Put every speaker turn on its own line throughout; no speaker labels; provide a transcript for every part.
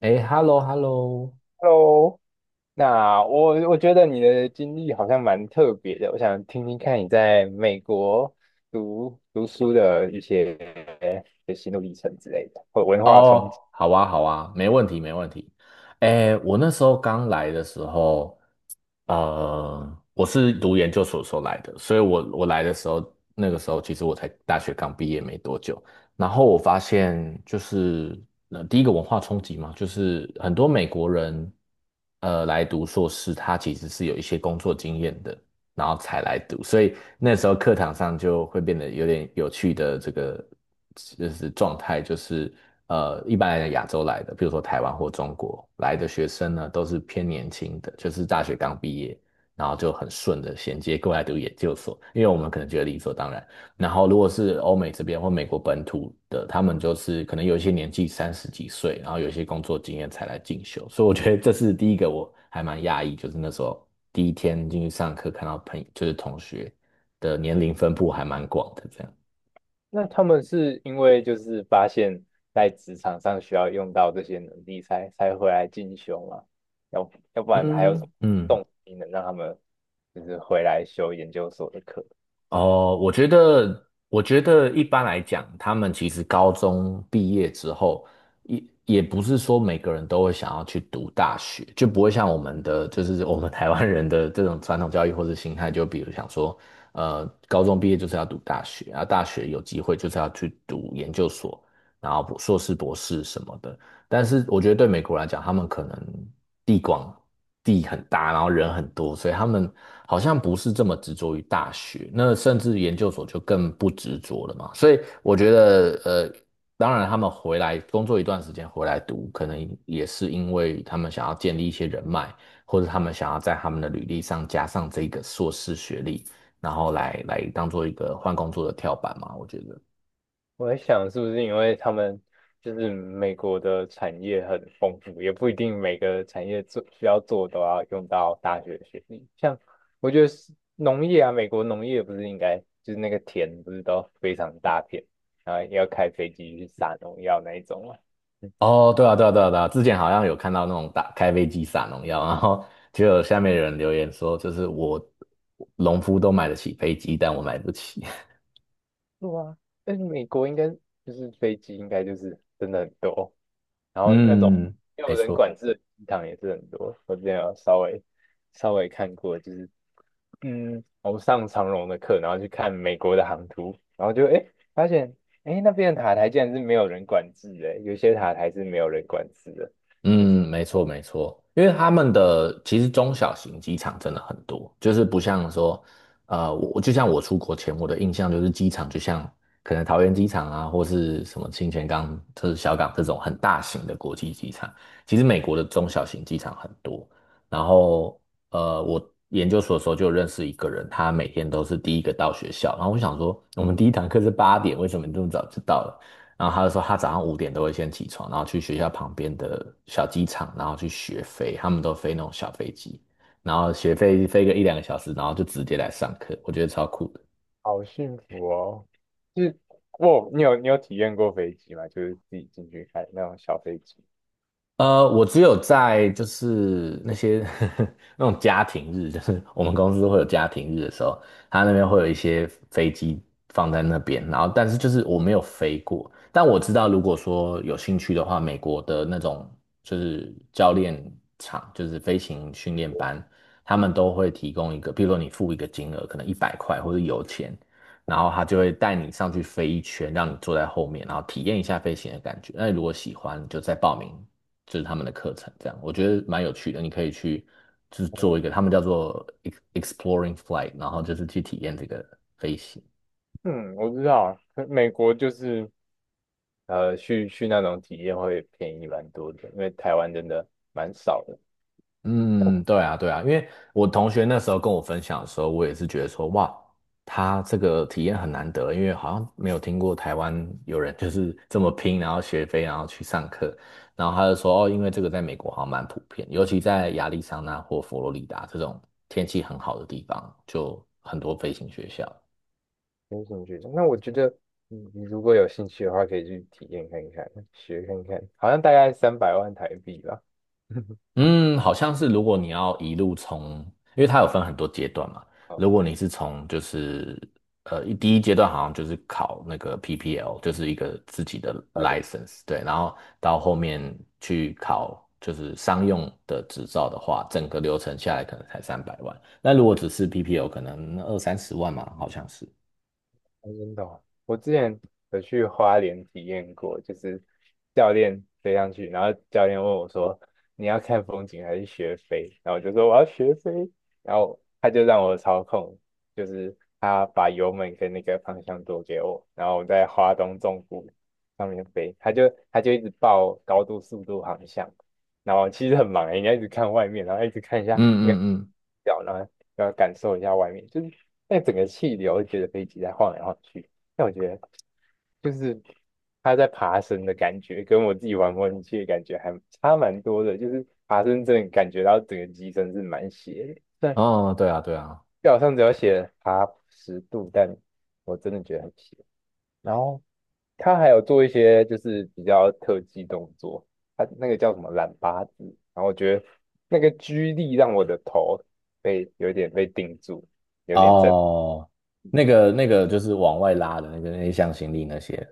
哎，hello，hello，
Hello。那我觉得你的经历好像蛮特别的，我想听听看你在美国读书的一些的心路历程之类的，或文化冲
哦，
击。
好啊，好啊，没问题，没问题。哎，我那时候刚来的时候，我是读研究所的时候来的，所以我来的时候，那个时候其实我才大学刚毕业没多久，然后我发现就是，第一个文化冲击嘛，就是很多美国人，来读硕士，他其实是有一些工作经验的，然后才来读，所以那时候课堂上就会变得有点有趣的这个就是状态，就是。一般来讲亚洲来的，比如说台湾或中国来的学生呢，都是偏年轻的，就是大学刚毕业，然后就很顺的衔接过来读研究所，因为我们可能觉得理所当然。然后如果是欧美这边或美国本土的，他们就是可能有一些年纪三十几岁，然后有一些工作经验才来进修，所以我觉得这是第一个我还蛮讶异，就是那时候第一天进去上课看到就是同学的年龄分布还蛮广的这样。
那他们是因为就是发现在职场上需要用到这些能力才回来进修吗？要不然还有什么
嗯嗯。
动机能让他们就是回来修研究所的课？
哦，我觉得，我觉得一般来讲，他们其实高中毕业之后，也不是说每个人都会想要去读大学，就不会像我们的，就是我们台湾人的这种传统教育或者心态，就比如想说，高中毕业就是要读大学，啊，大学有机会就是要去读研究所，然后博硕士、博士什么的。但是我觉得对美国来讲，他们可能地广地很大，然后人很多，所以他们好像不是这么执着于大学，那甚至研究所就更不执着了嘛。所以我觉得，当然他们回来工作一段时间回来读，可能也是因为他们想要建立一些人脉，或者他们想要在他们的履历上加上这个硕士学历，然后来当做一个换工作的跳板嘛。我觉得。
我在想，是不是因为他们就是美国的产业很丰富，也不一定每个产业做需要做都要用到大学学历。像我觉得是农业啊，美国农业不是应该就是那个田不是都非常大片，然后要开飞机去撒农药那一种嘛。嗯，
哦，对啊，对啊，对啊，对啊，之前好像有看到那种打开飞机撒农药，然后 就有下面有人留言说，就是我农夫都买得起飞机，但我买不起。
对啊，但是美国应该就是飞机应该就是真的很多，然后那种
嗯，
没
没
有人
错。
管制的机场也是很多。我之前有稍微看过，就是我上长荣的课，然后去看美国的航图，然后就诶发现诶那边的塔台竟然是没有人管制的，有些塔台是没有人管制的，就
嗯，
是
没错没错，因为他们的其实中小型机场真的很多，就是不像说，我就像我出国前，我的印象就是机场就像可能桃园机场啊，或是什么清泉岗、就是小港这种很大型的国际机场。其实美国的中小型机场很多，然后我研究所的时候就认识一个人，他每天都是第一个到学校，然后我想说，我们第一堂课是8点，为什么你这么早就到了？然后他就说他早上5点都会先起床，然后去学校旁边的小机场，然后去学飞，他们都飞那种小飞机，然后学飞飞个一两个小时，然后就直接来上课，我觉得超酷的。
好幸福哦。就是哇，你有体验过飞机吗？就是自己进去看那种小飞机。
我只有在就是那些 那种家庭日，就是我们公司会有家庭日的时候，他那边会有一些飞机放在那边，然后但是就是我没有飞过，但我知道如果说有兴趣的话，美国的那种就是教练场，就是飞行训练班，他们都会提供一个，比如说你付一个金额，可能100块或者油钱，然后他就会带你上去飞一圈，让你坐在后面，然后体验一下飞行的感觉。那你如果喜欢，你就再报名就是他们的课程，这样我觉得蛮有趣的。你可以去就是做一个，他们叫做 exploring flight，然后就是去体验这个飞行。
嗯，我知道，可美国就是去那种体验会便宜蛮多的，因为台湾真的蛮少的。
嗯，对啊，对啊，因为我同学那时候跟我分享的时候，我也是觉得说，哇，他这个体验很难得，因为好像没有听过台湾有人就是这么拼，然后学飞，然后去上课。然后他就说，哦，因为这个在美国好像蛮普遍，尤其在亚利桑那或佛罗里达这种天气很好的地方，就很多飞行学校。
没兴趣。那我觉得你如果有兴趣的话，可以去体验看看，学看看，好像大概300万台币吧。
嗯，好像是如果你要一路从，因为它有分很多阶段嘛。
好，拜
如
拜。
果你是从就是第一阶段好像就是考那个 PPL，就是一个自己的 license，对，然后到后面去考就是商用的执照的话，整个流程下来可能才300万。那如果只是 PPL，可能二三十万嘛，好像是。
哦真的哦，我之前有去花莲体验过，就是教练飞上去，然后教练问我说：“你要看风景还是学飞？”然后我就说：“我要学飞。”然后他就让我操控，就是他把油门跟那个方向舵给我，然后我在花东纵谷上面飞，他就一直报高度、速度、航向，然后其实很忙欸，你要一直看外面，然后一直看一
嗯
下
嗯嗯，
表呢。要感受一下外面，就是那整个气流，觉得飞机在晃来晃去。但我觉得就是它在爬升的感觉，跟我自己玩模拟器的感觉还差蛮多的。就是爬升真的感觉到整个机身是蛮斜的，虽然
哦，对啊对啊，
表上只有写爬10度，但我真的觉得很斜。然后它还有做一些就是比较特技动作，它那个叫什么懒八字，然后我觉得那个居力让我的头被有点被定住。有点震
哦，那个那个就是往外拉的那个那些向心力那些。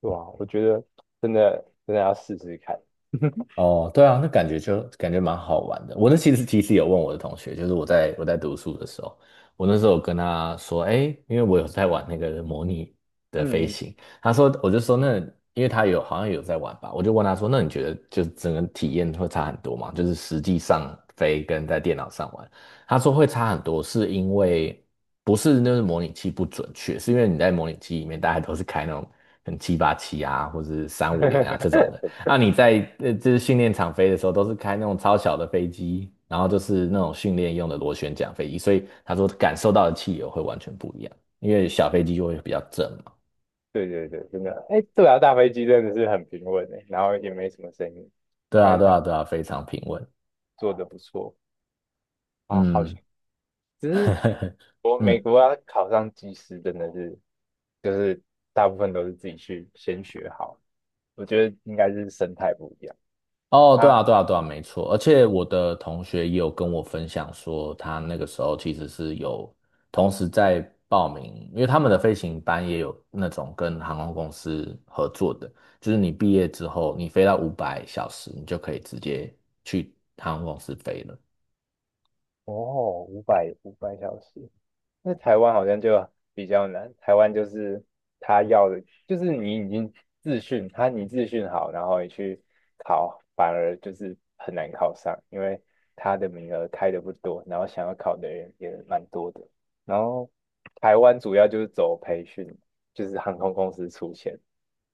哇，我觉得真的要试试看。
哦，对啊，那感觉就感觉蛮好玩的。我那其实有问我的同学，就是我在读书的时候，我那时候有跟他说，哎，因为我有在玩那个模拟的飞
嗯嗯。
行，他说我就说那因为他有好像有在玩吧，我就问他说，那你觉得就是整个体验会差很多吗？就是实际上飞跟在电脑上玩，他说会差很多，是因为不是那个模拟器不准确，是因为你在模拟器里面大家都是开那种很747啊，或者是350啊这 种的。那你在就是训练场飞的时候，都是开那种超小的飞机，然后就是那种训练用的螺旋桨飞机，所以他说感受到的气流会完全不一样，因为小飞机就会比较正嘛。
对对对，真的，哎，对啊，大飞机真的是很平稳诶，然后也没什么声音，应
对
该
啊，
是
对
他们
啊，对啊，非常平稳。
做的不错。啊，好像
嗯，
只是 我美
嗯。
国要考上机师，真的是就是大部分都是自己去先学好，我觉得应该是生态不一样
哦，对
啊。
啊，对啊，对啊，没错。而且我的同学也有跟我分享说，他那个时候其实是有同时在报名，因为他们的飞行班也有那种跟航空公司合作的，就是你毕业之后，你飞到五百小时，你就可以直接去航空公司飞了。
哦，五百小时，那台湾好像就比较难，台湾就是他要的，就是你已经自训，他你自训好，然后你去考，反而就是很难考上，因为他的名额开的不多，然后想要考的人也蛮多的。然后台湾主要就是走培训，就是航空公司出钱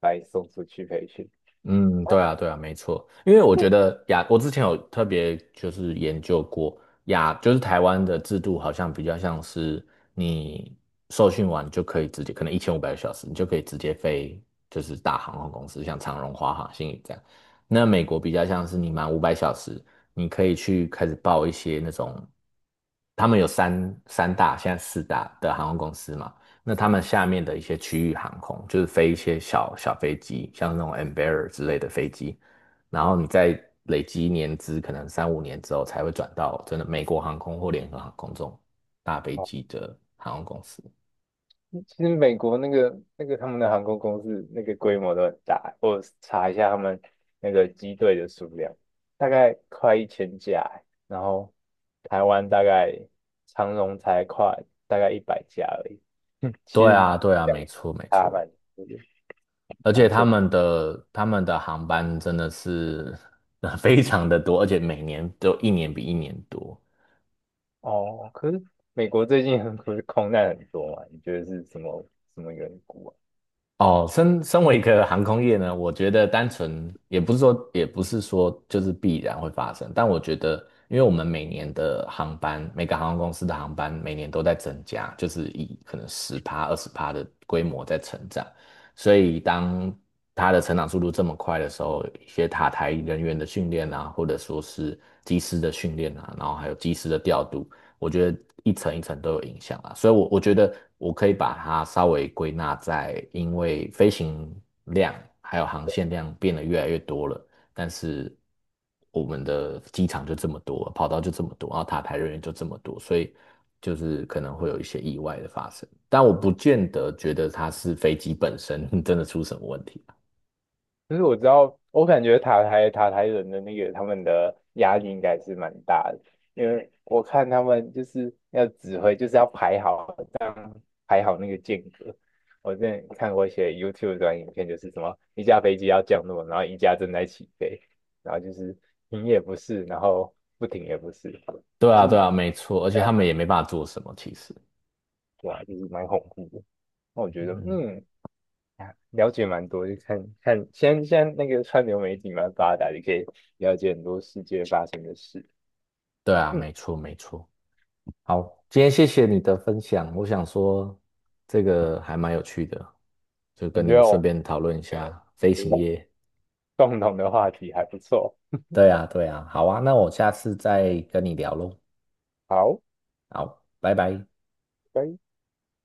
来送出去培训。
嗯，对啊，对啊，没错，因为我觉 得我之前有特别就是研究过就是台湾的制度好像比较像是你受训完就可以直接，可能1500个小时，你就可以直接飞，就是大航空公司，像长荣、华航、新宇这样。那美国比较像是你满五百小时，你可以去开始报一些那种，他们有三大，现在四大的航空公司嘛。那他们下面的一些区域航空，就是飞一些小小飞机，像那种 Embraer 之类的飞机，然后你再累积年资，可能三五年之后才会转到真的美国航空或联合航空这种大飞机的航空公司。
其实美国那个他们的航空公司那个规模都很大，我查一下他们那个机队的数量，大概快1000架欸然后台湾大概长荣才快大概100架而已，嗯，其
对
实
啊，对啊，
相
没错，没
差
错。
蛮
而且
蛮
他
正
们的他们的航班真的是非常的多，而且每年都一年比一年多。
哦。可是美国最近很不是空难很多嘛？你觉得是什么缘故啊？
哦，身为一个航空业呢，我觉得单纯也不是说，也不是说就是必然会发生，但我觉得，因为我们每年的航班，每个航空公司的航班每年都在增加，就是以可能十趴、20%的规模在成长，所以当它的成长速度这么快的时候，一些塔台人员的训练啊，或者说是机师的训练啊，然后还有机师的调度，我觉得一层一层都有影响啊，所以我觉得我可以把它稍微归纳在，因为飞行量还有航线量变得越来越多了，但是我们的机场就这么多，跑道就这么多，然后塔台人员就这么多，所以就是可能会有一些意外的发生，但我不见得觉得它是飞机本身 真的出什么问题啊。
就是我知道，我感觉塔台人的那个他们的压力应该是蛮大的，因为我看他们就是要指挥，就是要排好，这样排好那个间隔。我之前看过一些 YouTube 短影片，就是什么一架飞机要降落，然后一架正在起飞，然后就是停也不是，然后不停也不是，
对啊，
就
对
是
啊，没错，而且他们也没办法做什么，其实，
对啊，就是蛮恐怖的。那我觉得，
嗯，
嗯，啊了解蛮多，就看看现在那个川流媒体蛮发达，你可以了解很多世界发生的事。
对啊，
嗯，
没错，没错。好，今天谢谢你的分享，我想说这个还蛮有趣的，就
我
跟
觉
你
得我
顺
们
便讨论一下飞
这
行
个
业。
共同的话题还不错。
对啊，对啊，好啊，那我下次再跟你聊喽。
好，
好，拜拜。
拜。